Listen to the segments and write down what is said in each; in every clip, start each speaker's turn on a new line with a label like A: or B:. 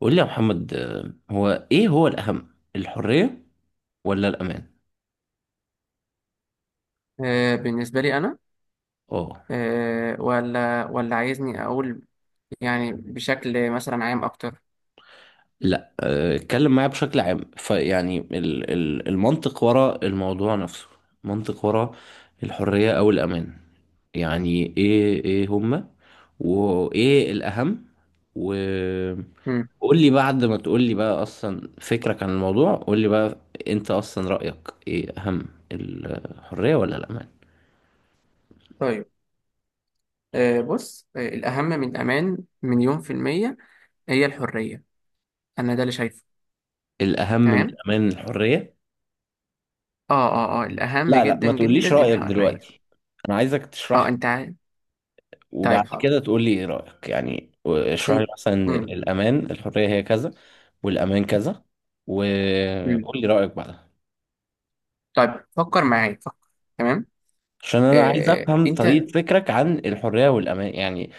A: قول لي يا محمد، هو ايه هو الاهم، الحرية ولا الامان؟
B: بالنسبة لي أنا.
A: اه.
B: ولا عايزني أقول يعني بشكل مثلا عام أكتر.
A: لا، اتكلم معايا بشكل عام، فيعني المنطق وراء الموضوع نفسه، منطق وراء الحرية او الامان. يعني ايه هما، وايه الاهم؟ و
B: مم.
A: قول لي بعد ما تقول لي بقى اصلا فكرك عن الموضوع، قول لي بقى، انت اصلا رأيك ايه، اهم الحرية ولا الامان؟
B: طيب. بص، الأهم من الأمان 1,000,000% هي الحرية. أنا ده اللي شايفه.
A: الاهم من
B: تمام.
A: الامان الحرية؟
B: الأهم
A: لا، لا،
B: جدا
A: ما
B: جدا
A: تقوليش رأيك
B: الحرية.
A: دلوقتي، انا عايزك تشرح لي،
B: أنت عارف.
A: وبعد
B: طيب، حاضر.
A: كده تقول لي ايه رأيك، يعني
B: بس
A: اشرح لي
B: أنت-
A: مثلا إن
B: مم.
A: الامان، الحرية هي كذا والامان كذا،
B: مم.
A: وقول لي رأيك بعدها.
B: طيب، فكر معايا فكر. تمام.
A: عشان انا عايز
B: آه،
A: افهم
B: أنت
A: طريقة فكرك عن الحرية والامان يعني،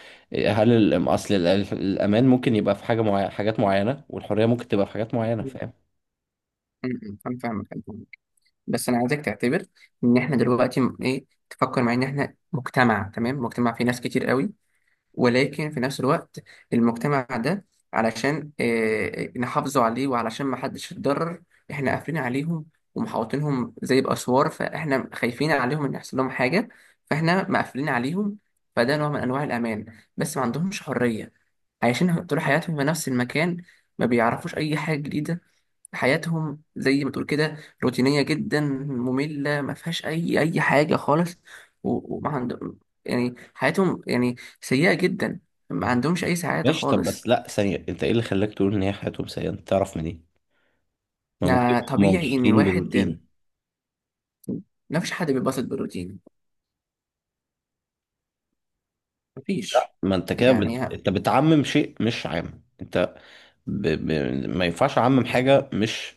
A: هل اصل الامان ممكن يبقى في حاجة معينة، حاجات معينة، والحرية ممكن تبقى في حاجات معينة،
B: مم.
A: فاهم؟
B: أنا فاهمك. بس انا عايزك تعتبر ان احنا دلوقتي ايه، تفكر معايا ان احنا مجتمع، تمام، مجتمع فيه ناس كتير قوي، ولكن في نفس الوقت المجتمع ده علشان إيه نحافظوا عليه وعلشان ما حدش يتضرر احنا قافلين عليهم ومحوطينهم زي باسوار، فاحنا خايفين عليهم ان يحصل لهم حاجه، فاحنا مقفلين عليهم. فده نوع من انواع الامان، بس ما عندهمش حريه. عايشين طول حياتهم في نفس المكان، ما بيعرفوش اي حاجه جديده. حياتهم زي ما تقول كده روتينية جدا، مملة، ما فيهاش أي حاجة خالص. وما عندهم يعني حياتهم، يعني، سيئة جدا. ما عندهمش أي سعادة
A: ماشي، طب
B: خالص.
A: بس لا، ثانية، انت ايه اللي خلاك تقول ان هي حياتهم سيئة؟ انت تعرف منين؟ ما ممكن
B: يعني
A: يبقوا هما
B: طبيعي إن
A: مبسوطين بالروتين.
B: الواحد، ما فيش حد بيتبسط بالروتين، مفيش.
A: ما انت كده
B: يعني
A: انت بتعمم شيء مش عام، انت ب... ب... ما ينفعش اعمم حاجه مش،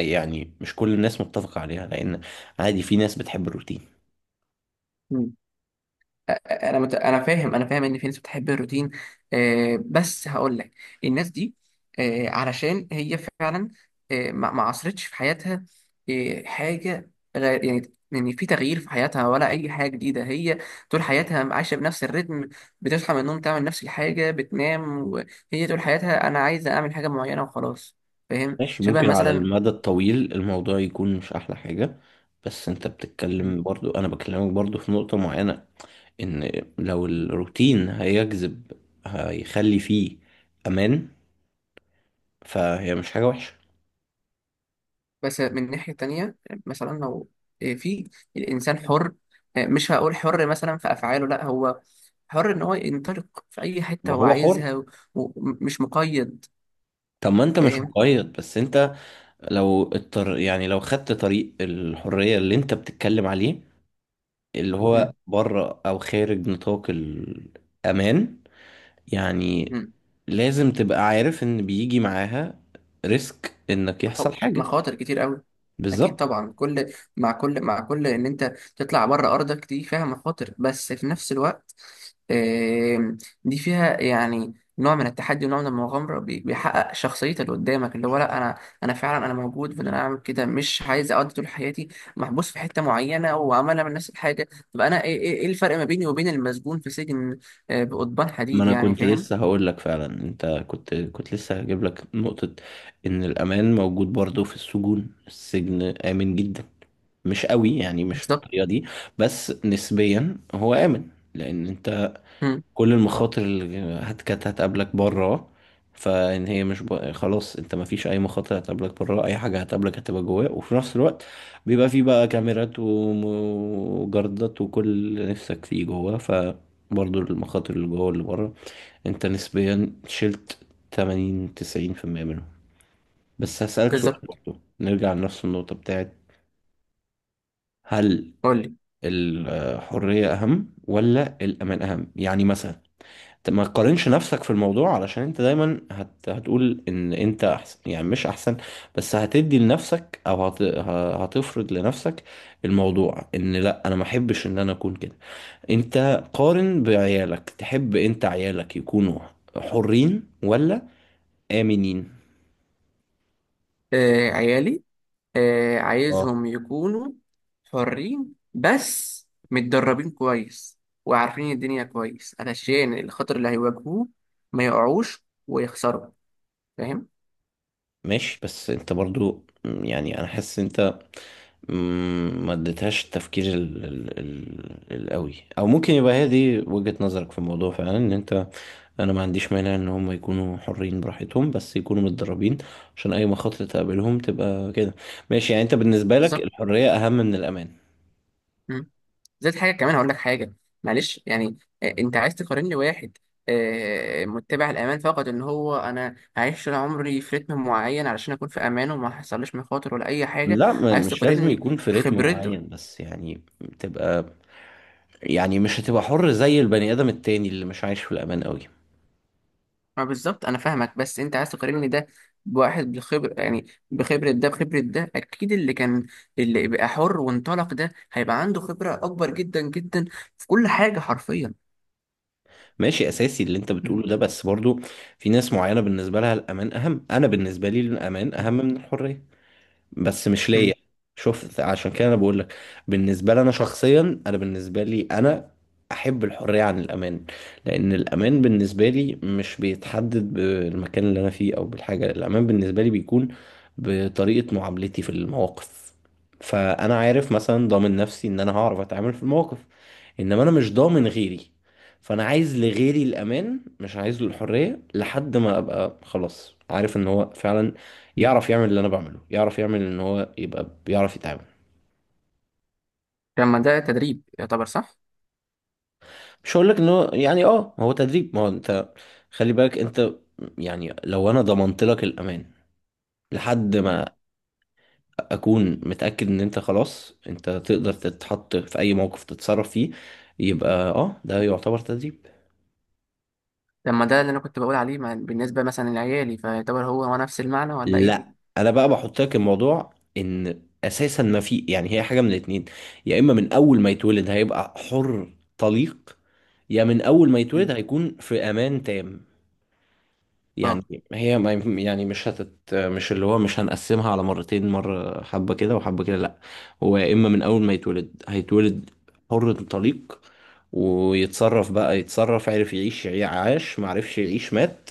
A: يعني مش كل الناس متفقه عليها، لان عادي في ناس بتحب الروتين.
B: انا فاهم، ان في ناس بتحب الروتين. بس هقول لك، الناس دي، علشان هي فعلا ما عصرتش في حياتها حاجه غير يعني، في تغيير في حياتها ولا اي حاجه جديده. هي طول حياتها عايشه بنفس الريتم، بتصحى من النوم تعمل نفس الحاجه بتنام. وهي طول حياتها انا عايزه اعمل حاجه معينه وخلاص. فاهم؟
A: ماشي،
B: شبه
A: ممكن على
B: مثلا.
A: المدى الطويل الموضوع يكون مش احلى حاجه، بس انت بتتكلم برضو، انا بكلمك برضو في نقطه معينه، ان لو الروتين هيجذب، هيخلي فيه امان، فهي مش حاجه وحشه.
B: بس من ناحية تانية، مثلا لو في الإنسان حر، مش هقول حر مثلا في أفعاله، لا هو حر إن هو ينطلق في أي حتة
A: ما
B: هو
A: هو حر.
B: عايزها ومش مقيد.
A: طب ما انت مش
B: فاهم؟
A: مقيد، بس انت لو يعني لو خدت طريق الحرية اللي انت بتتكلم عليه، اللي هو
B: مم.
A: بره او خارج نطاق الامان، يعني
B: مم.
A: لازم تبقى عارف ان بيجي معاها ريسك انك يحصل حاجة.
B: مخاطر كتير قوي. اكيد
A: بالظبط.
B: طبعا، كل مع كل ان انت تطلع بره ارضك دي فيها مخاطر، بس في نفس الوقت آم، دي فيها يعني نوع من التحدي ونوع من المغامره، بيحقق شخصيتك اللي قدامك، اللي هو لا، انا فعلا انا موجود، فانا اعمل كده، مش عايز اقضي طول حياتي محبوس في حته معينه وعماله من نفس الحاجه. طب انا ايه، إيه الفرق ما بيني وبين المسجون في سجن بقضبان
A: ما
B: حديد،
A: انا
B: يعني
A: كنت
B: فاهم؟
A: لسه هقول لك فعلا، انت كنت لسه هجيب لك نقطة، ان الامان موجود برضه في السجون، السجن امن جدا، مش قوي يعني مش
B: بالظبط.
A: بالطريقة دي، بس نسبيا هو آمن. لأن أنت،
B: مم،
A: كل المخاطر اللي كانت هتقابلك بره، فان هي مش خلاص انت ما فيش اي مخاطر هتقابلك بره، اي حاجه هتقابلك هتبقى جواه، وفي نفس الوقت بيبقى فيه بقى كاميرات وجردات وكل اللي نفسك فيه جواه، فبرضه المخاطر اللي جوه واللي بره انت نسبيا شلت 80 90% منهم. بس هسألك سؤال
B: بالظبط.
A: برضه، نرجع لنفس النقطة بتاعت هل
B: قول لي.
A: الحرية أهم ولا الأمان أهم؟ يعني مثلا، ما تقارنش نفسك في الموضوع علشان انت دايما هتقول ان انت احسن، يعني مش احسن، بس هتدي لنفسك، او هتفرض لنفسك الموضوع، ان لا انا ما احبش ان انا اكون كده. انت قارن بعيالك، تحب انت عيالك يكونوا حرين ولا آمنين؟
B: عيالي،
A: اه.
B: عايزهم يكونوا حرين بس متدربين كويس، وعارفين الدنيا كويس علشان الخطر اللي هيواجهوه ما يقعوش ويخسروا. فاهم؟
A: ماشي، بس انت برضو يعني انا حاسس انت م، ما اديتهاش التفكير القوي، او ممكن يبقى هي دي وجهة نظرك في الموضوع فعلا، ان انت، انا ما عنديش مانع ان هم يكونوا حرين براحتهم، بس يكونوا متدربين عشان اي مخاطر تقابلهم تبقى كده. ماشي، يعني انت بالنسبة لك
B: بالظبط.
A: الحرية اهم من الامان.
B: مم. زائد حاجه كمان، هقول لك حاجه، معلش يعني. انت عايز تقارن لي واحد متبع الامان فقط، ان هو انا هعيش طول عمري في رتم معين علشان اكون في امان وما حصلش مخاطر ولا اي حاجه.
A: لا،
B: عايز
A: مش لازم
B: تقارن لي
A: يكون في رتم
B: خبرته؟
A: معين، بس يعني تبقى، يعني مش هتبقى حر زي البني ادم التاني اللي مش عايش في الامان قوي.
B: ما بالظبط، انا فاهمك، بس انت عايز تقارني ده بواحد بخبر، يعني بخبره ده. بخبره ده اكيد اللي كان، اللي بقى حر وانطلق، ده هيبقى عنده خبره اكبر جدا جدا في كل حاجه حرفيا.
A: ماشي، اساسي اللي انت
B: م-
A: بتقوله ده، بس برضو في ناس معينة بالنسبة لها الامان اهم، انا بالنسبة لي الامان اهم من الحرية، بس مش
B: م-
A: ليا. شوف، عشان كده انا بقول لك، بالنسبه لي انا شخصيا، انا بالنسبه لي انا احب الحريه عن الامان، لان الامان بالنسبه لي مش بيتحدد بالمكان اللي انا فيه او بالحاجه، الامان بالنسبه لي بيكون بطريقه معاملتي في المواقف. فانا عارف مثلا ضامن نفسي ان انا هعرف اتعامل في المواقف، انما انا مش ضامن غيري، فانا عايز لغيري الامان مش عايز له الحريه لحد ما ابقى خلاص عارف ان هو فعلا
B: م.
A: يعرف يعمل اللي انا بعمله، يعرف يعمل ان هو يبقى بيعرف يتعامل.
B: لما ده تدريب يعتبر صح؟
A: مش هقول لك ان هو يعني اه هو تدريب، ما هو انت، خلي بالك انت، يعني لو انا ضمنت لك الامان لحد
B: مم.
A: ما اكون متاكد ان انت خلاص انت تقدر تتحط في اي موقف تتصرف فيه، يبقى اه ده يعتبر تدريب.
B: لما ده اللي انا كنت بقول عليه، بالنسبه مثلا لعيالي، فيعتبر هو هو نفس المعنى ولا ايه؟
A: لا، انا بقى بحط لك الموضوع ان اساسا ما في، يعني هي حاجه من الاتنين، يا اما من اول ما يتولد هيبقى حر طليق، يا من اول ما يتولد
B: م.
A: هيكون في امان تام.
B: اه،
A: يعني هي ما ينف- يعني مش اللي هو مش هنقسمها على مرتين، مرة حبة كده وحبة كده، لأ. هو يا إما من أول ما يتولد هيتولد حر طليق، ويتصرف بقى، يتصرف، عرف يعيش عاش، معرفش يعيش مات،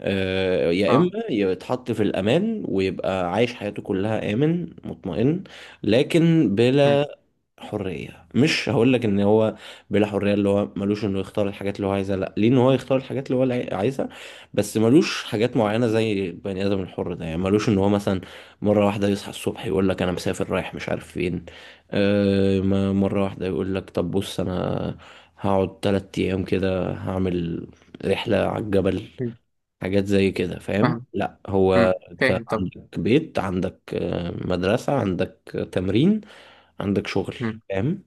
A: يا إما
B: اه.
A: يتحط في الأمان ويبقى عايش حياته كلها آمن مطمئن، لكن
B: م.
A: بلا حرية. مش هقول لك ان هو بلا حرية اللي هو ملوش انه يختار الحاجات اللي هو عايزها، لا، ليه ان هو يختار الحاجات اللي هو اللي عايزها، بس ملوش حاجات معينة زي بني ادم الحر ده، يعني ملوش ان هو مثلا مرة واحدة يصحى الصبح يقول لك انا مسافر رايح مش عارف فين، مرة واحدة يقول لك طب بص، انا هقعد 3 ايام كده هعمل رحلة على الجبل،
B: م.
A: حاجات زي كده، فاهم؟
B: فاهم.
A: لا، هو
B: م.
A: انت
B: فاهم. طب،
A: عندك بيت، عندك مدرسة، عندك تمرين، عندك شغل، فاهم؟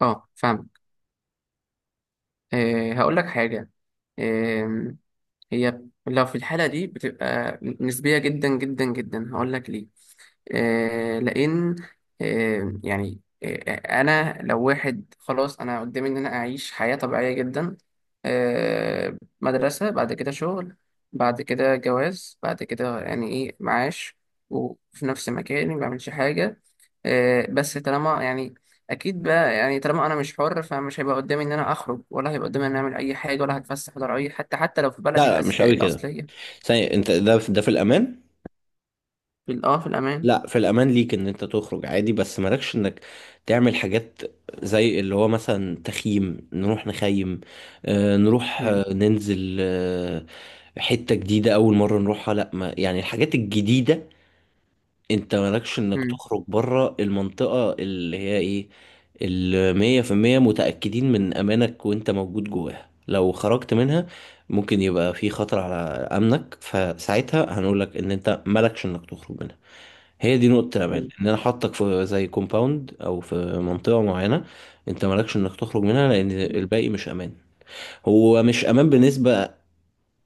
B: اه، فاهم. هقول لك حاجه. هي لو في الحالة دي بتبقى نسبية جدا جدا جدا. هقول لك ليه. لان آه، يعني آه، انا لو واحد خلاص، انا قدامي ان انا اعيش حياة طبيعية جدا، مدرسة بعد كده شغل بعد كده جواز بعد كده يعني ايه معاش، وفي نفس مكاني ما بعملش حاجة. بس طالما يعني، اكيد بقى يعني، طالما انا مش حر فمش هيبقى قدامي ان انا اخرج، ولا هيبقى قدامي ان انا اعمل اي حاجة ولا هتفسح ولا اي، حتى لو في بلدي
A: لا، لا، مش قوي كده،
B: الاصلية.
A: ثانية، انت ده في الامان.
B: في ال- اه في الامان.
A: لا، في الامان ليك ان انت تخرج عادي، بس مالكش انك تعمل حاجات زي اللي هو مثلا تخييم، نروح نخيم، نروح
B: مم.
A: ننزل حتة جديدة اول مرة نروحها، لا ما يعني الحاجات الجديدة، انت مالكش انك
B: مم.
A: تخرج بره المنطقة اللي هي ايه، اللي 100% متأكدين من أمانك وانت موجود جواها، لو خرجت منها ممكن يبقى في خطر على أمنك، فساعتها هنقولك ان انت مالكش انك تخرج منها. هي دي نقطة الأمان،
B: مم.
A: ان انا حاطك في زي كومباوند او في منطقة معينة، انت مالكش انك تخرج منها لان
B: مم.
A: الباقي مش امان، هو مش امان بالنسبة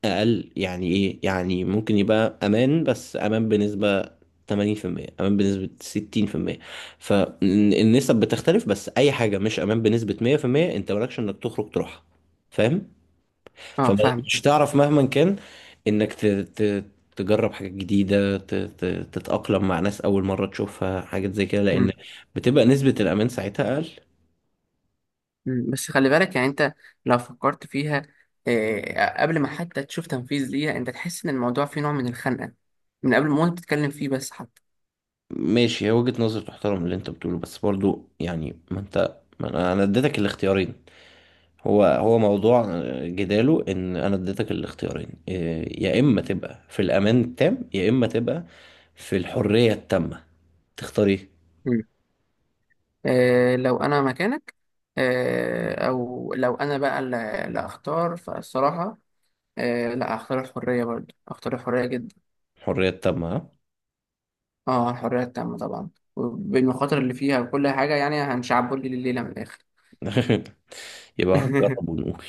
A: اقل، يعني ايه، يعني ممكن يبقى امان بس امان بنسبة 80%، امان بنسبة 60%، فالنسب بتختلف، بس اي حاجة مش امان بنسبة 100% انت مالكش انك تخرج تروحها، فاهم؟
B: اه، فاهم.
A: فمش تعرف مهما كان انك تجرب حاجات جديدة، تتأقلم مع ناس أول مرة تشوفها، حاجات زي كده، لأن
B: مم.
A: بتبقى نسبة الأمان ساعتها أقل.
B: مم. بس خلي بالك يعني انت، لو فكرت فيها قبل ما حتى تشوف تنفيذ ليها انت تحس ان الموضوع فيه نوع من الخنقة من قبل ما انت تتكلم فيه بس حتى.
A: ماشي، هي وجهة نظر تحترم اللي أنت بتقوله، بس برضو يعني ما أنت، ما أنا اديتك الاختيارين، هو موضوع جداله، ان انا اديتك الاختيارين إيه، يا اما تبقى في الامان التام، يا اما تبقى في الحرية التامة، تختار ايه؟
B: مم. لو انا مكانك، او لو انا بقى اللي اختار، فالصراحة لا، اختار الحرية برضه. اختار الحرية جدا.
A: الحرية التامة، ها؟
B: اه، الحرية التامة طبعا، بالمخاطر اللي فيها وكل حاجة، يعني هنشعبولي الليلة من الاخر.
A: يبقى هنجرب ونقول.